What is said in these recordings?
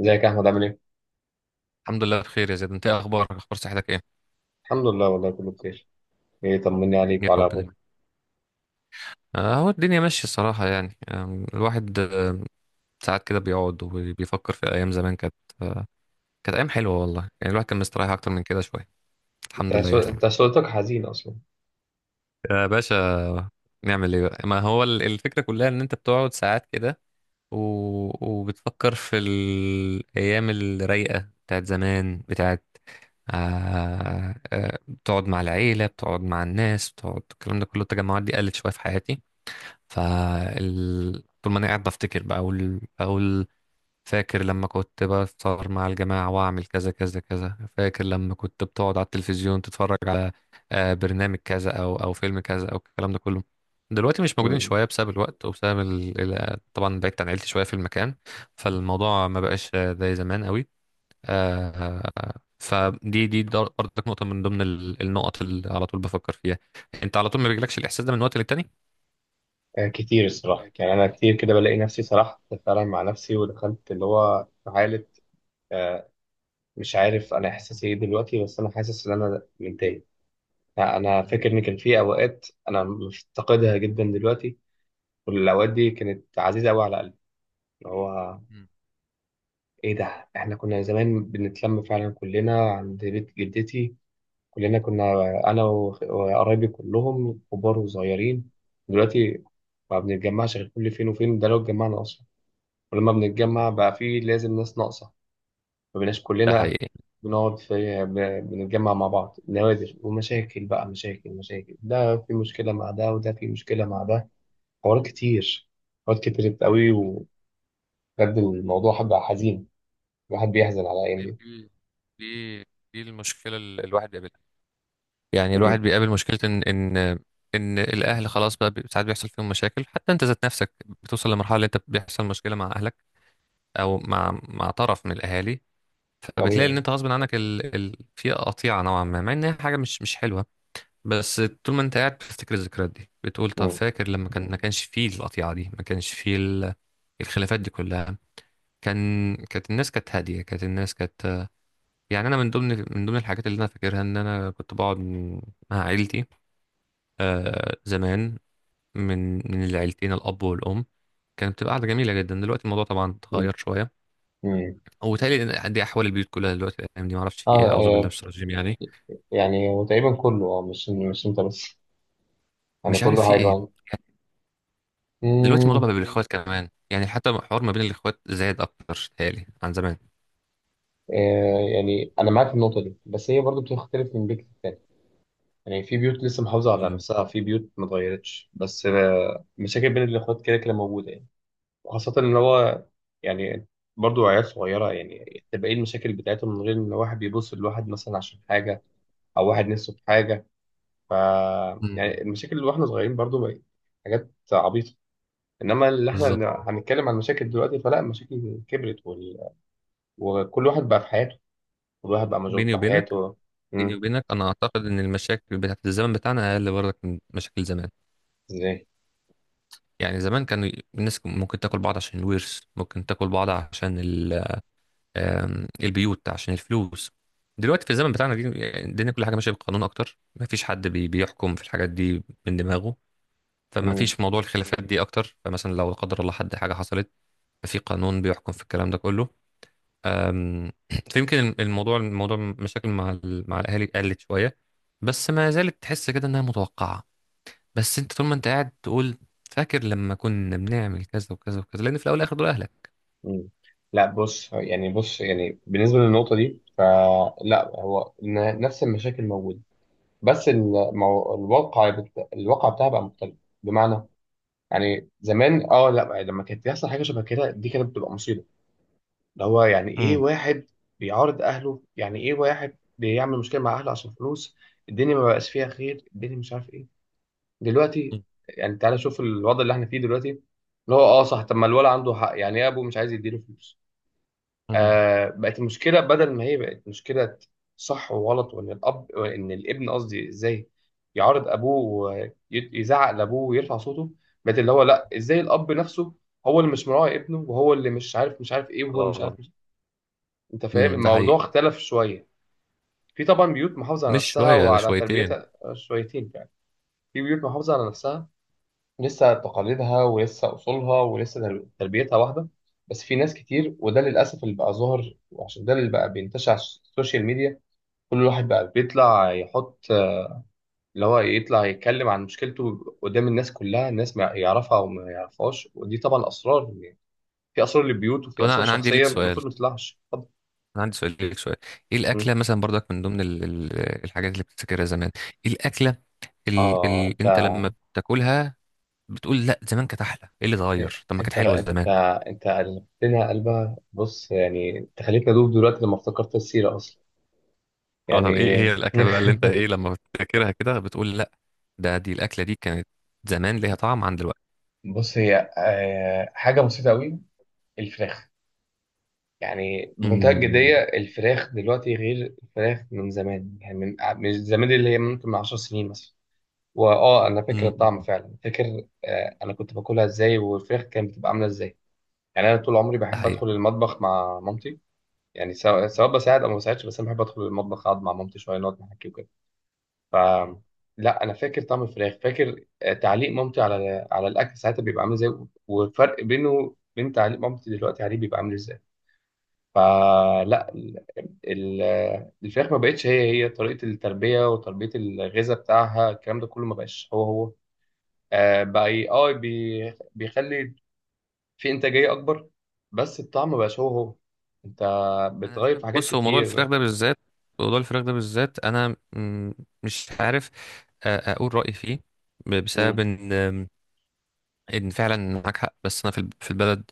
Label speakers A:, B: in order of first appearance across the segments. A: ازيك يا احمد عامل ايه؟
B: الحمد لله بخير يا زيد، انت ايه اخبارك؟ اخبار صحتك ايه؟
A: الحمد لله، والله كله بخير. ايه؟ طمني عليك
B: يا
A: وعلى
B: رب
A: ابوك.
B: دايما. هو الدنيا ماشيه الصراحه يعني، الواحد ساعات كده بيقعد وبيفكر في ايام زمان آه، كانت ايام حلوه والله. يعني الواحد كان مستريح اكتر من كده شويه، الحمد
A: انت
B: لله
A: سو...
B: يعني.
A: انت صوتك حزين اصلا.
B: يا باشا، نعمل ايه بقى؟ ما هو الفكره كلها ان انت بتقعد ساعات كده و... وبتفكر في الايام الرايقه بتاعت زمان، بتقعد مع العيله، بتقعد مع الناس، بتقعد، الكلام ده كله، التجمعات دي قلت شويه في حياتي. طول ما انا قاعد بفتكر بقى اقول، فاكر لما كنت بفطر مع الجماعة واعمل كذا كذا كذا، فاكر لما كنت بتقعد على التلفزيون تتفرج على برنامج كذا او فيلم كذا او الكلام ده كله. دلوقتي مش موجودين
A: امم.
B: شوية بسبب الوقت وبسبب طبعا بعدت عن عيلتي شوية في المكان. فالموضوع ما بقاش زي زمان قوي. آه، فدي دي برضك نقطة من ضمن النقط اللي على طول بفكر فيها. انت على طول ما بيجيلكش الاحساس ده من وقت للتاني؟
A: آه، كتير الصراحه يعني انا كتير كده بلاقي نفسي سرحت فعلا مع نفسي ودخلت اللي هو في حاله. آه، مش عارف انا احساسي ايه دلوقتي، بس انا حاسس ان انا متضايق. انا
B: أكيد.
A: فاكر ان كان في اوقات انا مفتقدها جدا دلوقتي، والاوقات دي كانت عزيزه قوي على قلبي. اللي هو ايه ده، احنا كنا زمان بنتلم فعلا كلنا عند بيت جدتي. كلنا كنا انا و- وقرايبي كلهم كبار وصغيرين. دلوقتي ما بنتجمعش غير كل فين وفين، ده لو اتجمعنا اصلا. ولما
B: ده
A: بنتجمع
B: حقيقي.
A: بقى في لازم ناس ناقصه، ما بقيناش
B: ده
A: كلنا.
B: حقيقي.
A: بنقعد بنتجمع مع بعض نوادر، ومشاكل بقى، مشاكل، ده في مشكله مع ده وده في مشكله مع ده. حوارات كتير، حوارات كتير قوي وبجد، الموضوع
B: مم.
A: بقى حزين. الواحد بيحزن على الايام
B: دي
A: دي.
B: دي دي دي المشكله اللي الواحد بيقابلها. يعني
A: مم.
B: الواحد بيقابل مشكله، ان الاهل خلاص بقى، ساعات بيحصل فيهم مشاكل. حتى انت ذات نفسك بتوصل لمرحله اللي انت بيحصل مشكله مع اهلك، او مع طرف من الاهالي. فبتلاقي ان
A: طبيعي.
B: انت غصب عنك في قطيعه نوعا ما، مع ان هي حاجه مش حلوه. بس طول ما انت قاعد بتفتكر الذكريات دي بتقول، طب
A: مم.
B: فاكر لما ما كانش فيه القطيعه دي، ما كانش فيه الخلافات دي كلها. كانت الناس كانت هاديه، كانت الناس يعني انا من ضمن الحاجات اللي انا فاكرها ان انا كنت بقعد مع عيلتي زمان، من العيلتين الاب والام. كانت بتبقى قعده جميله جدا. دلوقتي الموضوع طبعا
A: مم.
B: اتغير شويه،
A: مم.
B: وبالتالي إن دي احوال البيوت كلها دلوقتي، الايام دي ما اعرفش في ايه، اعوذ بالله من
A: اه،
B: الشيطان الرجيم يعني.
A: يعني وتقريبا كله، مش انت بس، يعني
B: مش عارف
A: كله
B: في ايه.
A: هيبقى.
B: دلوقتي الموضوع بقى
A: امم
B: بالاخوات كمان، يعني حتى الحوار ما بين الاخوات زاد اكتر تهيألي، عن زمان.
A: يعني انا معاك في النقطه دي، بس هي برضو بتختلف من بيت للتاني. يعني في بيوت لسه محافظه على
B: مم.
A: نفسها، في بيوت ما اتغيرتش، بس مشاكل بين الاخوات كده كده موجوده يعني. وخاصه ان هو، يعني برضو عيال صغيره، يعني تبقى ايه المشاكل بتاعتهم من غير ان واحد بيبص لواحد مثلا عشان حاجه، او واحد نفسه في حاجه. ف
B: مم.
A: يعني المشاكل اللي واحنا صغيرين برضو بقت حاجات عبيطه، انما اللي احنا
B: بالظبط.
A: هنتكلم عن المشاكل دلوقتي فلا، المشاكل كبرت وال... وكل واحد بقى في حياته، كل واحد بقى مشغول
B: بيني
A: في
B: وبينك
A: حياته.
B: بيني
A: امم.
B: وبينك انا اعتقد ان المشاكل بتاعت الزمن بتاعنا اقل برضك من مشاكل زمان.
A: ازاي؟
B: يعني زمان كان الناس ممكن تاكل بعض عشان الورث، ممكن تاكل بعض عشان البيوت، عشان الفلوس. دلوقتي في الزمن بتاعنا دي، يعني الدنيا كل حاجه ماشيه بالقانون اكتر، ما فيش حد بيحكم في الحاجات دي من دماغه. فما
A: امم.
B: فيش موضوع الخلافات دي اكتر، فمثلا لو لا قدر الله حد حاجه حصلت، ففي قانون بيحكم في الكلام ده كله. آم، فيمكن الموضوع مشاكل مع الاهالي قلت شويه، بس ما زالت تحس كده انها متوقعه. بس انت طول ما انت قاعد تقول، فاكر لما كنا بنعمل كذا وكذا وكذا، لان في الاول والاخر دول اهلك.
A: امم. لا بص يعني، بص يعني بالنسبه للنقطه دي فلا، هو إن نفس المشاكل موجوده، بس الواقع بتاعها بقى مختلف. بمعنى، يعني زمان، لا يعني لما كانت بيحصل حاجه شبه كده دي كانت بتبقى مصيبه. اللي هو يعني ايه
B: امم.
A: واحد بيعارض اهله، يعني ايه واحد بيعمل مشكله مع اهله عشان فلوس، الدنيا ما بقاش فيها خير، الدنيا مش عارف ايه. دلوقتي، يعني تعالى شوف الوضع اللي احنا فيه دلوقتي، اللي هو اه صح، طب ما الولد عنده حق، يعني ايه ابوه مش عايز يديله فلوس.
B: امم.
A: آه، بقت المشكله بدل ما هي بقت مشكله صح وغلط، وان الاب وان الابن قصدي، ازاي يعارض ابوه ويزعق لابوه ويرفع صوته. بقت اللي هو لا، ازاي الاب نفسه هو اللي مش مراعي ابنه، وهو اللي مش عارف ايه، وهو اللي مش
B: اه.
A: عارف. انت فاهم
B: امم. ده
A: الموضوع
B: حقيقي.
A: اختلف شويه. في طبعا بيوت محافظه على
B: مش
A: نفسها
B: شويه، ده
A: وعلى
B: شويتين.
A: تربيتها شويتين يعني. في بيوت محافظه على نفسها، لسه تقاليدها ولسه اصولها ولسه تربيتها واحده. بس في ناس كتير، وده للاسف اللي بقى ظاهر، وعشان ده اللي بقى بينتشر على السوشيال ميديا. كل واحد بقى بيطلع يحط، اللي هو يطلع يتكلم عن مشكلته قدام الناس كلها، الناس ما يعرفها او ما يعرفهاش، ودي طبعا اسرار يعني. في اسرار للبيوت، وفي
B: طب انا
A: اسرار
B: انا عندي ليك
A: شخصيه
B: سؤال،
A: المفروض ما تطلعش. اتفضل.
B: انا عندي سؤال ليك، سؤال. ايه الاكله مثلا برضك من ضمن الحاجات اللي بتفتكرها زمان؟ ايه الاكله اللي
A: اه،
B: انت لما بتاكلها بتقول لا زمان كانت احلى؟ ايه اللي اتغير؟ طب ما كانت
A: انت انت
B: حلوه زمان.
A: انت قلبتنا قلبها، بص يعني انت خليتني ادوب دلوقتي لما افتكرت السيره اصلا،
B: اه
A: يعني.
B: طب، ايه هي الاكله بقى اللي انت ايه لما بتفتكرها كده بتقول لا؟ دي الاكله دي كانت زمان ليها طعم عن دلوقتي.
A: بص هي حاجه بسيطه قوي، الفراخ. يعني بمنتهى الجديه، الفراخ دلوقتي غير الفراخ من زمان. يعني من زمان، اللي هي ممكن من 10 سنين مثلا. واه، انا فاكر الطعم
B: امم.
A: فعلا، فاكر انا كنت باكلها ازاي، والفراخ كانت بتبقى عامله ازاي. يعني انا طول عمري
B: ده
A: بحب
B: حقيقي.
A: ادخل المطبخ مع مامتي، يعني سواء
B: مم.
A: سواء بساعد او ما بساعدش، بس انا بحب ادخل المطبخ، اقعد مع مامتي شويه نقعد نحكي وكده. ف
B: مم.
A: لا، انا فاكر طعم الفراخ، فاكر تعليق مامتي على على الاكل ساعتها بيبقى عامل ازاي، والفرق بينه بين تعليق مامتي دلوقتي عليه بيبقى عامل ازاي. فلا ال- الفراخ ما بقتش هي هي، طريقه التربيه وتربيه الغذاء بتاعها الكلام ده كله ما بقاش هو هو. بقى بيخلي في انتاجيه اكبر، بس الطعم ما بقاش هو هو. انت
B: انا مش
A: بتغير في
B: فاهم.
A: حاجات
B: بص، هو موضوع
A: كتير.
B: الفراخ ده بالذات، موضوع الفراخ ده بالذات انا مش عارف، اقول رايي فيه بسبب ان فعلا معاك حق، بس انا في البلد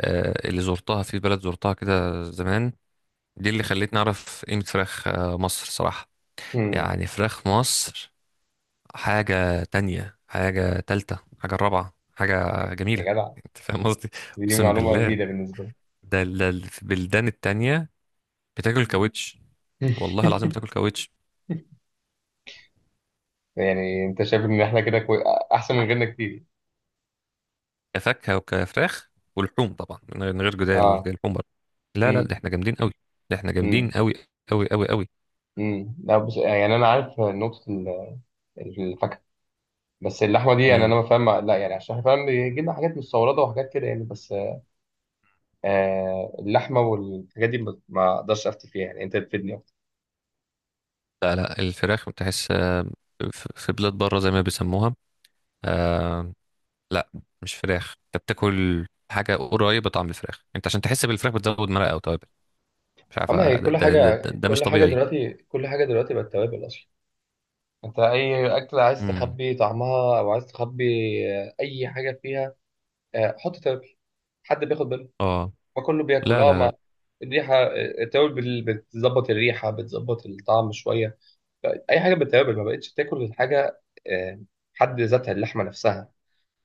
B: اللي زرتها، في بلد زرتها كده زمان، دي اللي خلتني اعرف قيمه فراخ مصر صراحه.
A: امم.
B: يعني فراخ مصر حاجه تانية، حاجه تالتة، حاجه رابعه، حاجه جميله.
A: يا جدع،
B: انت فاهم قصدي؟
A: دي
B: اقسم
A: معلومة
B: بالله.
A: جديدة بالنسبة لي.
B: ده في البلدان التانية بتاكل كاوتش. والله العظيم بتاكل كاوتش.
A: يعني انت شايف ان احنا كده احسن من غيرنا كتير.
B: كفاكهه وكفراخ ولحوم، طبعا من غير جدال
A: اه.
B: اللحوم بره. لا لا،
A: امم.
B: ده احنا جامدين قوي. ده احنا جامدين
A: امم.
B: قوي، قوي قوي قوي.
A: امم. لا بس، يعني انا عارف نقطة الفاكهة. بس اللحمة دي يعني انا
B: امم.
A: ما فاهم، لا يعني عشان احنا فاهم بيجي لنا حاجات مستوردة وحاجات كده يعني، بس آه اللحمة والحاجات دي ما اقدرش افتي فيها، يعني انت تفيدني اكتر.
B: لا لا، الفراخ تحس في بلاد بره زي ما بيسموها، آه لا، مش فراخ انت بتاكل. حاجه قريبه طعم الفراخ، انت عشان تحس بالفراخ بتزود مرقه او توابل. مش عارف
A: اما هي
B: ده,
A: كل
B: ده, ده, ده,
A: حاجة،
B: ده مش
A: كل حاجة
B: طبيعي.
A: دلوقتي، كل حاجة دلوقتي بقت توابل اصلا. انت اي اكلة عايز
B: امم.
A: تخبي طعمها، او عايز تخبي اي حاجة فيها، حط توابل. حد بياخد باله؟
B: اه.
A: ما كله بياكل.
B: لا
A: اه،
B: لا
A: ما
B: لا.
A: الريحه، التوابل بتظبط الريحه، بتظبط الطعم شويه. اي حاجه بالتوابل ما بقتش تاكل غير حاجه آه، حد ذاتها، اللحمه نفسها،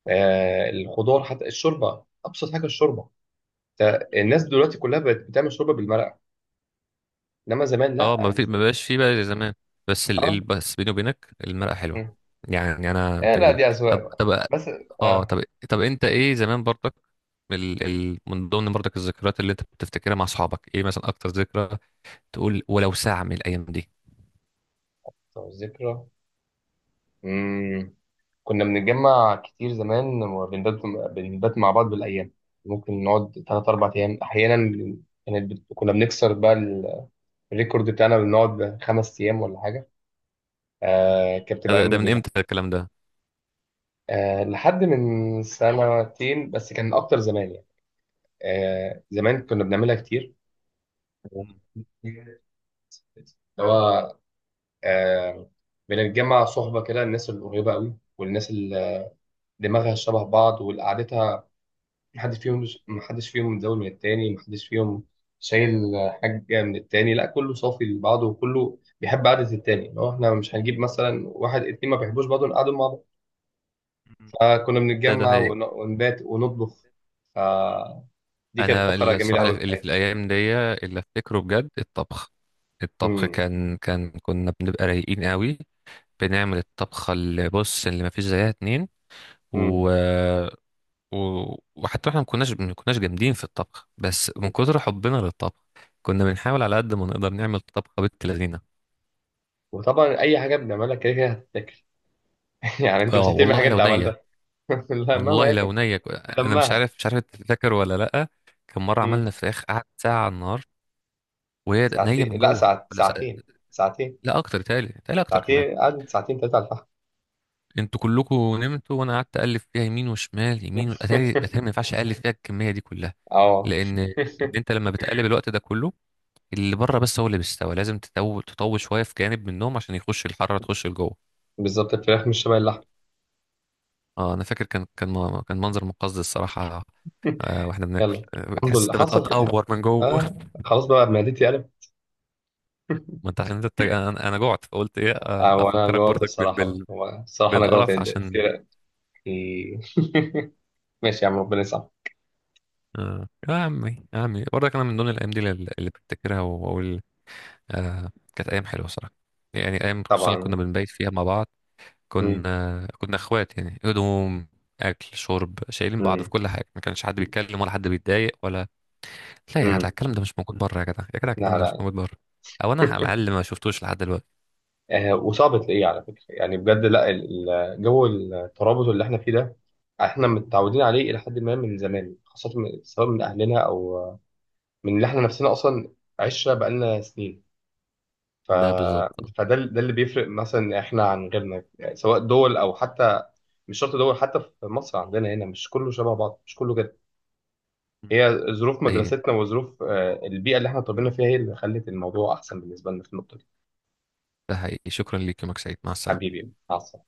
A: الخضار، حتى الشوربه. ابسط حاجه الشوربه، الناس
B: مم.
A: دلوقتي كلها بقت بتعمل شوربه بالمرقه، انما زمان
B: اه،
A: لا.
B: ما بقاش فيه بقى زي زمان.
A: اه.
B: بس بيني وبينك، المرأة حلوة.
A: مم.
B: يعني انا من
A: لا
B: تجربة.
A: دي اذواق
B: طب
A: بقى،
B: طب
A: بس.
B: اه
A: اه،
B: طب، انت ايه زمان برضك، من ضمن برضك الذكريات اللي انت بتفتكرها مع اصحابك، ايه مثلا اكتر ذكرى تقول ولو ساعة من الايام دي؟
A: طب ذكرى، كنا بنتجمع كتير زمان وبنبات، بنبات مع بعض بالأيام، ممكن نقعد تلات أربع أيام أحيانا. كنا بنكسر بقى الريكورد بتاعنا، بنقعد خمس أيام ولا حاجة.
B: مم.
A: آه، كانت بتبقى
B: ده,
A: أيام
B: ده من
A: جميلة.
B: امتى الكلام ده؟
A: آه، لحد من سنتين بس، كان أكتر زمان يعني. آه، زمان كنا بنعملها كتير،
B: مم.
A: اللي هو آه بنتجمع صحبة كده، الناس القريبة قوي والناس اللي دماغها شبه بعض، والقعدة محدش فيهم مزود من التاني، محدش فيهم شايل حاجة من التاني، لا كله صافي لبعضه، وكله بيحب قعدة التاني، لو احنا مش هنجيب مثلا واحد اتنين ما بيحبوش بعض نقعدوا مع بعض.
B: مم.
A: فكنا
B: ده
A: بنتجمع
B: حقيقي.
A: ونبات ونطبخ، فدي كانت
B: انا
A: فقرة جميلة
B: الصراحه
A: قوي في
B: اللي في
A: حياتي.
B: الايام دي اللي افتكره بجد الطبخ. الطبخ
A: مم.
B: كان كان كنا بنبقى رايقين قوي، بنعمل الطبخه اللي بص، اللي ما فيش زيها اتنين،
A: مم.
B: و... و... وحتى احنا ما كناش جامدين في الطبخ، بس من كتر حبنا للطبخ كنا بنحاول على قد ما نقدر نعمل طبخه بنت لذينه.
A: وطبعا أي حاجة بنعملها كده كده هتتاكل، يعني أنت مش
B: اه
A: هترمي حاجة
B: والله لو
A: أنت
B: نيه.
A: عملتها. لا مهما
B: والله لو
A: يكن،
B: نيه انا مش
A: لمها.
B: عارف مش عارف انت فاكر ولا لا؟ كان مره
A: مم.
B: عملنا فراخ قعدت ساعه على النار وهي نيه
A: ساعتين،
B: من
A: لا
B: جوه، ولا ساعة.
A: ساعتين
B: لا اكتر، تالي تالي اكتر كمان.
A: ساعتين قعدت ساعتين تلاتة على
B: انتوا كلكم نمتوا وانا قعدت اقلب فيها يمين وشمال يمين، واتاري
A: الفحم.
B: اتاري ما ينفعش اقلب فيها الكميه دي كلها.
A: اه.
B: لان انت لما بتقلب الوقت ده كله، اللي بره بس هو اللي بيستوي، لازم تطول تطول شويه في جانب منهم عشان يخش الحراره تخش لجوه.
A: بالظبط، الفراخ مش شبه اللحم.
B: اه، انا فاكر كان منظر مقزز الصراحه. واحنا بناكل
A: يلا، الحمد
B: تحس
A: لله
B: انت
A: حصل خير.
B: بتقور من جوه
A: آه خلاص بقى معدتي قلب.
B: ما انت عشان انت انا جوعت فقلت ايه،
A: آه، وانا
B: افكرك
A: جوعت
B: برضك
A: الصراحه بقى. هو الصراحه انا جوعت
B: بالقرف
A: جدا.
B: عشان
A: سيرة إيه. ماشي يا عم، ربنا يسامحك.
B: آه. يا عمي يا عمي برضك، انا من ضمن الايام دي اللي بفتكرها واقول آه كانت ايام حلوه صراحه. يعني ايام خصوصا اللي كنا
A: طبعا.
B: بنبيت فيها مع بعض،
A: مم.
B: كنا اخوات يعني، هدوم، اكل، شرب، شايلين بعض في
A: مم.
B: كل حاجه، ما كانش حد بيتكلم ولا حد بيتضايق ولا. لا يا جدع،
A: مم.
B: الكلام ده مش موجود بره، يا جدع يا جدع الكلام
A: لا
B: ده مش
A: لا.
B: موجود بره. او انا على الاقل ما شفتوش لحد دلوقتي.
A: آه، وصعب تلاقيه على فكره يعني بجد، لا جو الترابط اللي احنا فيه ده احنا متعودين عليه الى حد ما من زمان، خاصه من سواء من اهلنا او من اللي احنا نفسنا اصلا عشره بقالنا سنين. ف...
B: ده بالظبط.
A: ده اللي بيفرق مثلا احنا عن غيرنا، يعني سواء دول او حتى مش شرط دول، حتى في مصر عندنا هنا مش كله شبه بعض، مش كله كده.
B: مم.
A: هي ظروف
B: اي،
A: مدرستنا وظروف البيئة اللي احنا اتربينا فيها هي اللي خلت الموضوع احسن بالنسبة لنا في النقطة دي.
B: ده حقيقي. شكرا ليك، يومك سعيد، مع السلامه.
A: حبيبي عسل.